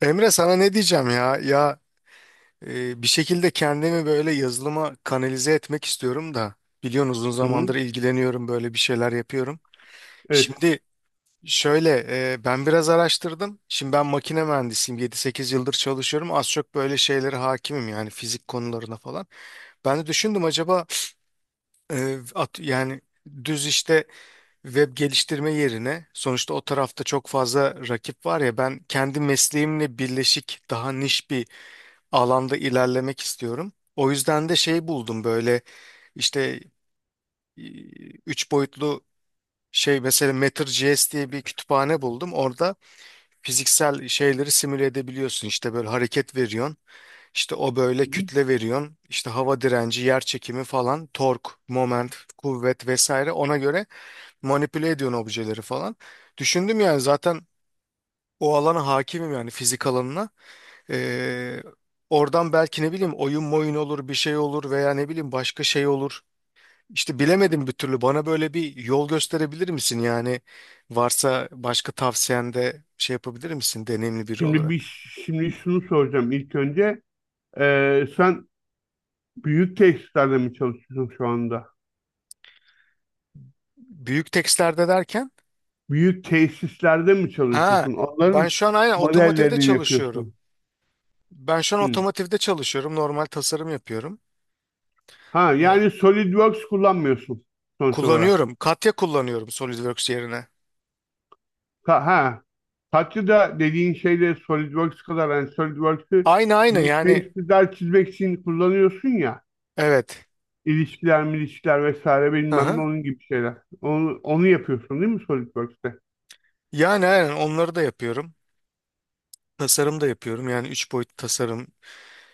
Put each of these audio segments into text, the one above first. Emre sana ne diyeceğim ya? Bir şekilde kendimi böyle yazılıma kanalize etmek istiyorum da biliyorsun uzun Hı hı. zamandır ilgileniyorum böyle bir şeyler yapıyorum. Evet. Şimdi şöyle, ben biraz araştırdım. Şimdi ben makine mühendisiyim, 7-8 yıldır çalışıyorum. Az çok böyle şeylere hakimim, yani fizik konularına falan. Ben de düşündüm, acaba yani düz işte web geliştirme yerine, sonuçta o tarafta çok fazla rakip var ya, ben kendi mesleğimle birleşik daha niş bir alanda ilerlemek istiyorum. O yüzden de şey buldum, böyle işte e, üç boyutlu şey mesela. Matter.js diye bir kütüphane buldum. Orada fiziksel şeyleri simüle edebiliyorsun. İşte böyle hareket veriyorsun. İşte o böyle kütle veriyorsun. İşte hava direnci, yer çekimi falan, tork, moment, kuvvet vesaire, ona göre manipüle ediyorsun objeleri falan. Düşündüm yani, zaten o alana hakimim yani, fizik alanına. Ee, Oradan belki ne bileyim oyun moyun olur, bir şey olur veya ne bileyim başka şey olur. İşte bilemedim bir türlü. Bana böyle bir yol gösterebilir misin? Yani varsa başka tavsiyende şey yapabilir misin, deneyimli biri Şimdi bir olarak? şimdi şunu soracağım ilk önce. Sen büyük tesislerde mi çalışıyorsun şu anda? Büyük tekstlerde derken? Büyük tesislerde mi Ha, çalışıyorsun? ben Onların şu an aynen otomotivde modellerini mi çalışıyorum. yapıyorsun? Ben şu an Hı. otomotivde çalışıyorum. Normal tasarım yapıyorum. Ha Evet. yani SolidWorks kullanmıyorsun sonuç olarak. Kullanıyorum. Katya kullanıyorum SolidWorks yerine. Ha, ha. Katya'da dediğin şeyle SolidWorks kadar yani SolidWorks'ı Aynı aynı büyük yani, tesisler çizmek için kullanıyorsun ya. evet. İlişkiler, milişkiler vesaire Hı bilmem ne hı. onun gibi şeyler. Onu yapıyorsun değil mi SolidWorks'te? Yani aynen onları da yapıyorum. Tasarım da yapıyorum. Yani üç boyutlu tasarım,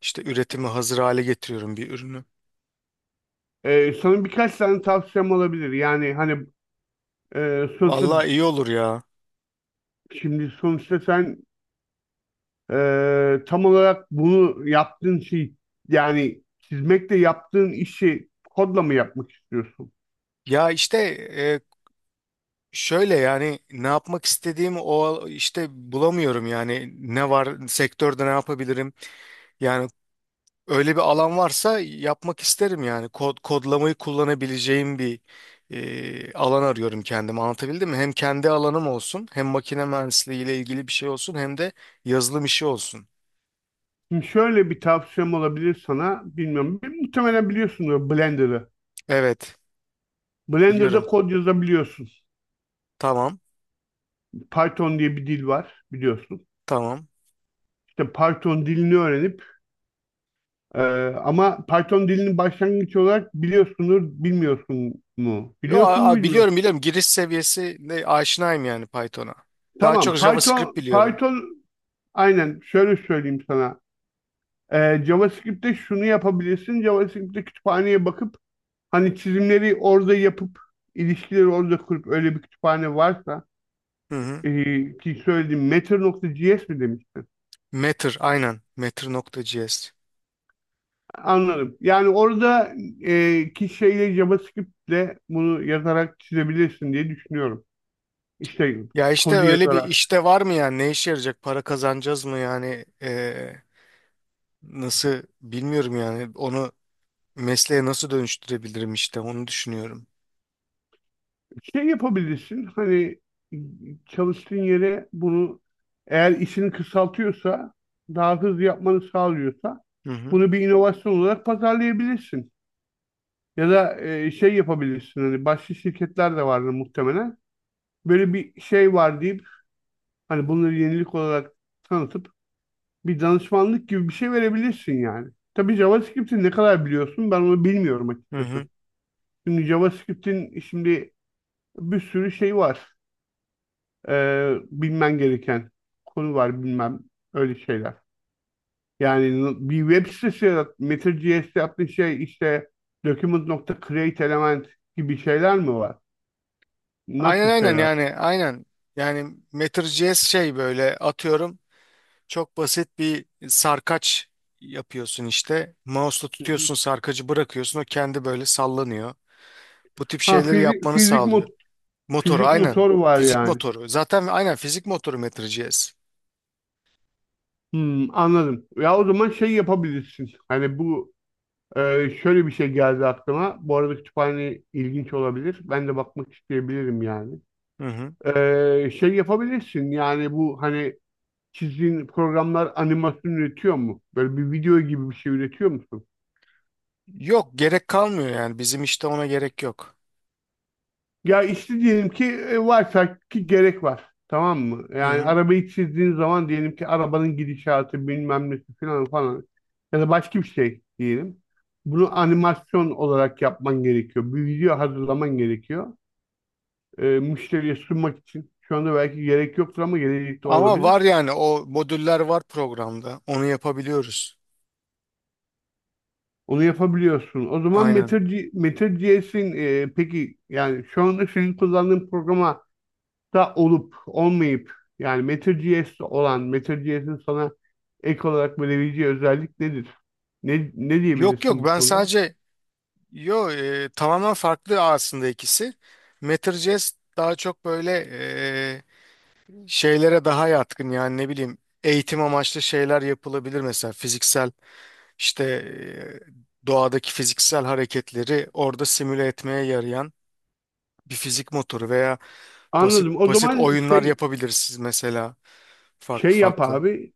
işte üretimi hazır hale getiriyorum bir ürünü. Sana birkaç tane tavsiyem olabilir. Yani hani e, sonuçta Vallahi iyi olur ya. şimdi sonuçta sen tam olarak bunu yaptığın şey yani çizmekle yaptığın işi kodla mı yapmak istiyorsun? Ya işte şöyle yani, ne yapmak istediğimi o işte bulamıyorum yani, ne var sektörde, ne yapabilirim. Yani öyle bir alan varsa yapmak isterim, yani kod kodlamayı kullanabileceğim bir alan arıyorum kendime. Anlatabildim mi? Hem kendi alanım olsun, hem makine mühendisliği ile ilgili bir şey olsun, hem de yazılım işi olsun. Şimdi şöyle bir tavsiyem olabilir sana. Bilmiyorum. Muhtemelen biliyorsunuz Blender'ı. Evet, Blender'da biliyorum. kod yazabiliyorsun. Tamam. Python diye bir dil var biliyorsun. Tamam. İşte Python dilini öğrenip e, ama Python dilini başlangıç olarak biliyorsunuz, bilmiyorsun mu? Yo, Biliyorsun mu bilmiyorsun? biliyorum biliyorum, giriş seviyesi ne aşinayım yani, Python'a. Daha çok Tamam. Python, JavaScript biliyorum. Python aynen şöyle söyleyeyim sana. JavaScript'te şunu yapabilirsin. JavaScript'te kütüphaneye bakıp hani çizimleri orada yapıp ilişkileri orada kurup öyle bir kütüphane varsa Hı hı. Ki söylediğim matter.js mi demiştin? Matter, aynen, Matter.js. Anladım. Yani orada ki şeyle JavaScript'le bunu yazarak çizebilirsin diye düşünüyorum. İşte Ya işte kodu öyle bir yazarak. işte var mı yani, ne işe yarayacak, para kazanacağız mı yani? Nasıl bilmiyorum yani, onu mesleğe nasıl dönüştürebilirim, işte onu düşünüyorum. Şey yapabilirsin hani çalıştığın yere bunu eğer işini kısaltıyorsa daha hızlı yapmanı sağlıyorsa Hı hı. bunu bir inovasyon olarak pazarlayabilirsin. Ya da şey yapabilirsin hani başka şirketler de vardır muhtemelen. Böyle bir şey var deyip hani bunları yenilik olarak tanıtıp bir danışmanlık gibi bir şey verebilirsin yani. Tabii JavaScript'i ne kadar biliyorsun ben onu bilmiyorum Hı hı. açıkçası. Şimdi JavaScript'in şimdi bir sürü şey var bilmen gereken konu var bilmem öyle şeyler. Yani bir web sitesi yarat, Matter.js'te yaptığın şey işte document.create element gibi şeyler mi var? Aynen Nasıl aynen şeyler? yani, aynen, yani Matter.js şey böyle, atıyorum. Çok basit bir sarkaç yapıyorsun işte. Mouse'la Hı hı. tutuyorsun sarkacı, bırakıyorsun, o kendi böyle sallanıyor. Bu tip Ha şeyleri fizik, yapmanı fizik, sağlıyor. mot- Motoru, fizik aynen. motor var Fizik yani. motoru. Zaten aynen fizik motoru MetroGS. Hmm, anladım. Ya o zaman şey yapabilirsin. Hani bu şöyle bir şey geldi aklıma. Bu arada kütüphane ilginç olabilir. Ben de bakmak isteyebilirim yani. Hı hı. Şey yapabilirsin yani bu hani çizdiğin programlar animasyon üretiyor mu? Böyle bir video gibi bir şey üretiyor musun? Yok, gerek kalmıyor yani, bizim işte ona gerek yok. Ya işte diyelim ki varsa ki gerek var. Tamam mı? Hı Yani hı. arabayı çizdiğin zaman diyelim ki arabanın gidişatı bilmem nesi falan falan ya da başka bir şey diyelim. Bunu animasyon olarak yapman gerekiyor. Bir video hazırlaman gerekiyor. Müşteriye sunmak için. Şu anda belki gerek yoktur ama gelecekte Ama var olabilir. yani, o modüller var programda. Onu yapabiliyoruz. Onu yapabiliyorsun. O zaman Aynen. Meteor.js'in peki yani şu anda senin kullandığın programa da olup olmayıp yani Meteor.js'te olan Meteor.js'in sana ek olarak verebileceği özellik nedir? Ne Yok diyebilirsin yok, bu ben konuda? sadece yo, tamamen farklı aslında ikisi. MetroJS daha çok böyle e, şeylere daha yatkın, yani ne bileyim eğitim amaçlı şeyler yapılabilir mesela, fiziksel işte doğadaki fiziksel hareketleri orada simüle etmeye yarayan bir fizik motoru. Veya basit Anladım. O basit zaman oyunlar şey yapabilirsiniz mesela, farklı şey yap farklı. abi.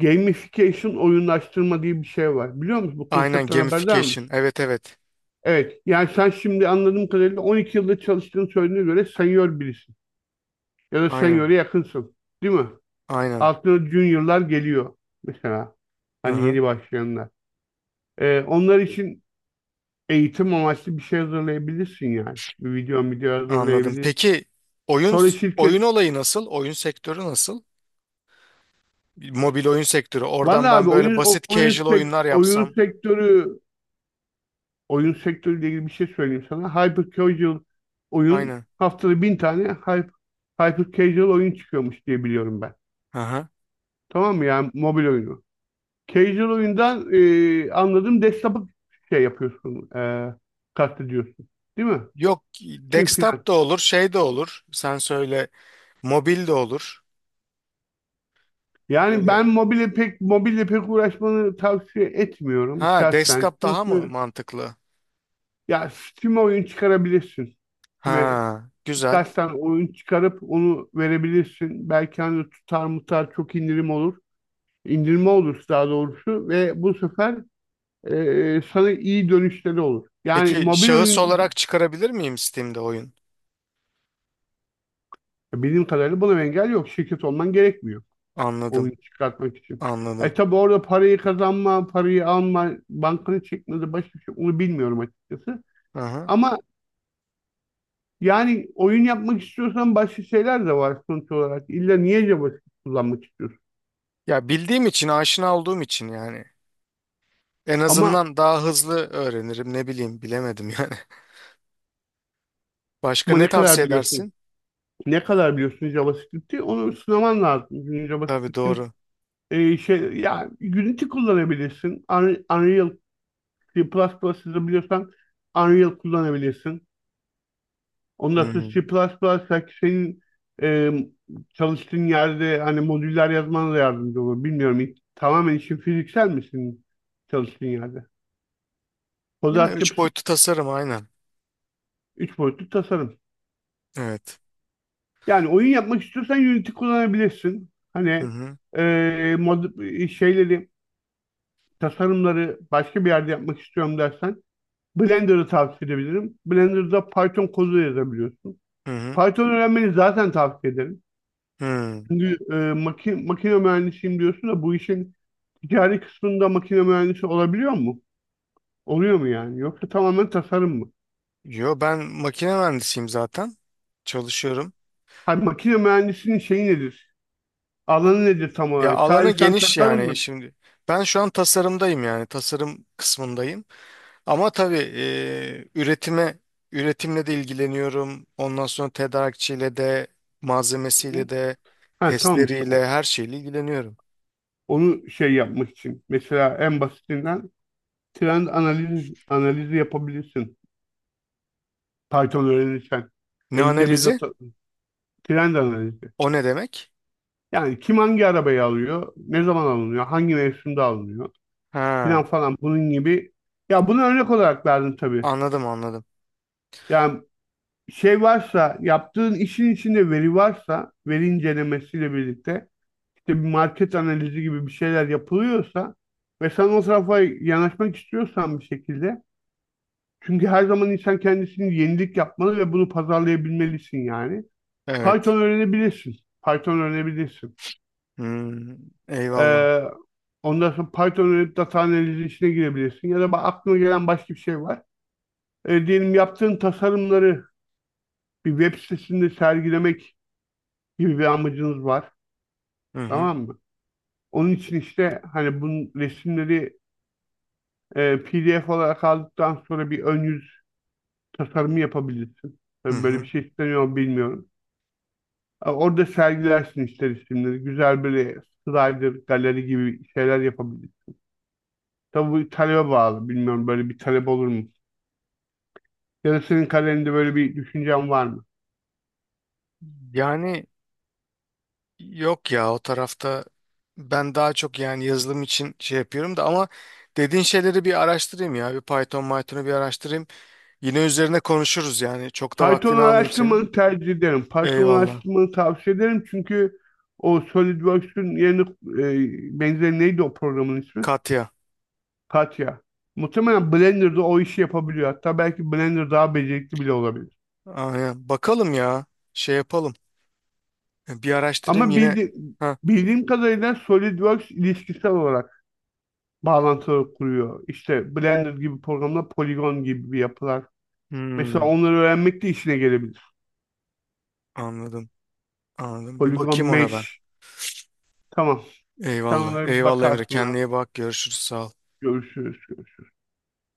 Gamification oyunlaştırma diye bir şey var. Biliyor musun? Bu Aynen, konseptten haberdar gamification. mısın? Evet evet. Evet. Yani sen şimdi anladığım kadarıyla 12 yılda çalıştığını söylediğine göre senior birisin. Ya da Aynen. senior'e yakınsın. Değil mi? Aynen. Artı juniorlar geliyor mesela. Hı Hani hı. yeni başlayanlar. Onlar için eğitim amaçlı bir şey hazırlayabilirsin yani. Bir video Anladım. hazırlayabilirsin. Peki oyun Sonra oyun şirket... olayı nasıl? Oyun sektörü nasıl? Mobil oyun sektörü. Oradan Vallahi ben abi böyle oyun o- basit oyun casual sekt oyunlar oyun yapsam. sektörü oyun sektörüyle ilgili bir şey söyleyeyim sana. Hyper casual oyun Aynen. haftada bin tane hyper casual oyun çıkıyormuş diye biliyorum ben. Hı hı. Tamam mı yani mobil oyunu. Casual oyundan anladığım desktop'ı şey yapıyorsun. Kastediyorsun. Değil mi? Yok, Değil filan. desktop da olur, şey de olur. Sen söyle, mobil de olur. Yani Böyle. ben mobile pek uğraşmanı tavsiye etmiyorum Ha, şahsen. desktop daha mı Çünkü mantıklı? ya Steam'e oyun çıkarabilirsin. Steam'e Ha, güzel. birkaçtan oyun çıkarıp onu verebilirsin. Belki hani tutar mutar çok indirim olur. İndirme olur daha doğrusu ve bu sefer sana iyi dönüşleri olur. Yani Peki mobil şahıs oyun olarak çıkarabilir miyim Steam'de oyun? bildiğim kadarıyla buna engel yok. Şirket olman gerekmiyor Anladım, oyun çıkartmak için. E anladım. tabi orada parayı kazanma, parayı alma, bankanı çekmedi başka bir şey onu bilmiyorum açıkçası. Aha. Ama yani oyun yapmak istiyorsan başka şeyler de var sonuç olarak. İlla niye JavaScript kullanmak istiyorsun? Ya bildiğim için, aşina olduğum için yani. En Ama azından daha hızlı öğrenirim. Ne bileyim, bilemedim yani. Başka ama ne ne kadar tavsiye edersin? biliyorsun? Ne kadar biliyorsun JavaScript'i? Onu sınaman lazım. Çünkü Tabii, JavaScript'in doğru. Şey ya Unity kullanabilirsin. Unreal C++ biliyorsan Unreal kullanabilirsin. Ondan sonra C++ Hmm. belki senin e, çalıştığın yerde hani modüller yazmana da yardımcı olur. Bilmiyorum. Tamamen işin fiziksel misin çalıştığın yerde? Kod Ya üç altyapısı boyutlu tasarım, aynen. 3 boyutlu tasarım. Evet. Yani oyun yapmak istiyorsan Unity kullanabilirsin. Hı Hani hı. Şeyleri, tasarımları başka bir yerde yapmak istiyorum dersen Blender'ı tavsiye edebilirim. Blender'da Python kodu yazabiliyorsun. Hı hı. Python öğrenmeni zaten tavsiye ederim. Hı. Şimdi makine mühendisiyim diyorsun da bu işin ticari kısmında makine mühendisi olabiliyor mu? Oluyor mu yani? Yoksa tamamen tasarım mı? Yo, ben makine mühendisiyim zaten. Çalışıyorum. Hayır, makine mühendisinin şeyi nedir? Alanı nedir tam Ya olarak? alanı Sadece sen geniş tasarım mı? yani, şimdi. Ben şu an tasarımdayım, yani tasarım kısmındayım. Ama tabii e, üretime üretimle de ilgileniyorum. Ondan sonra tedarikçiyle de, malzemesiyle de, Ha tamam işte o- testleriyle, her şeyle ilgileniyorum. onu şey yapmak için. Mesela en basitinden trend analizi yapabilirsin. Python öğrenirsen. Ne Elinde bir analizi? data trend analizi. O ne demek? Yani kim hangi arabayı alıyor? Ne zaman alınıyor? Hangi mevsimde alınıyor? Ha, Filan falan bunun gibi. Ya bunu örnek olarak verdim tabii. anladım anladım. Yani şey varsa yaptığın işin içinde veri varsa veri incelemesiyle birlikte işte bir market analizi gibi bir şeyler yapılıyorsa ve sen o tarafa yanaşmak istiyorsan bir şekilde çünkü her zaman insan kendisini yenilik yapmalı ve bunu pazarlayabilmelisin yani. Evet. Python öğrenebilirsin. Python öğrenebilirsin. Hmm, eyvallah. Ee, ondan sonra Python öğrenip data analizi işine girebilirsin. Ya da aklına gelen başka bir şey var. Diyelim yaptığın tasarımları bir web sitesinde sergilemek gibi bir amacınız var. Hı hı. Tamam mı? Onun için işte hani bunun resimleri PDF olarak aldıktan sonra bir ön yüz tasarımı yapabilirsin. Hı Tabii böyle bir hı. şey isteniyor mu bilmiyorum. Orada sergilersin işte resimleri. Güzel böyle slider, galeri gibi şeyler yapabilirsin. Tabii bu talebe bağlı. Bilmiyorum böyle bir talep olur mu? Ya da senin kalende böyle bir düşüncen var mı? Yani, yok ya, o tarafta ben daha çok yani yazılım için şey yapıyorum da ama dediğin şeyleri bir araştırayım ya. Bir Python'u bir araştırayım. Yine üzerine konuşuruz yani. Çok da Python vaktini almayayım senin. araştırmanı tercih ederim. Python Eyvallah. araştırmanı tavsiye ederim çünkü o SolidWorks'ün yeni benzeri neydi o programın ismi? Katya. Katya. Muhtemelen Blender'da o işi yapabiliyor. Hatta belki Blender daha becerikli bile olabilir. Aynen. Bakalım ya. Şey yapalım. Bir araştırayım Ama yine. bildi, Ha. bildiğim kadarıyla SolidWorks ilişkisel olarak bağlantıları kuruyor. İşte Blender gibi programlar, Polygon gibi bir yapılar. Mesela Hmm, onları öğrenmek de işine gelebilir. anladım. Anladım. Bir Polygon bakayım ona ben. Mesh. Tamam. Sen Eyvallah. onlara bir Eyvallah Emre. bakarsın Kendine abi. iyi bak. Görüşürüz. Sağ ol. Görüşürüz. Görüşürüz.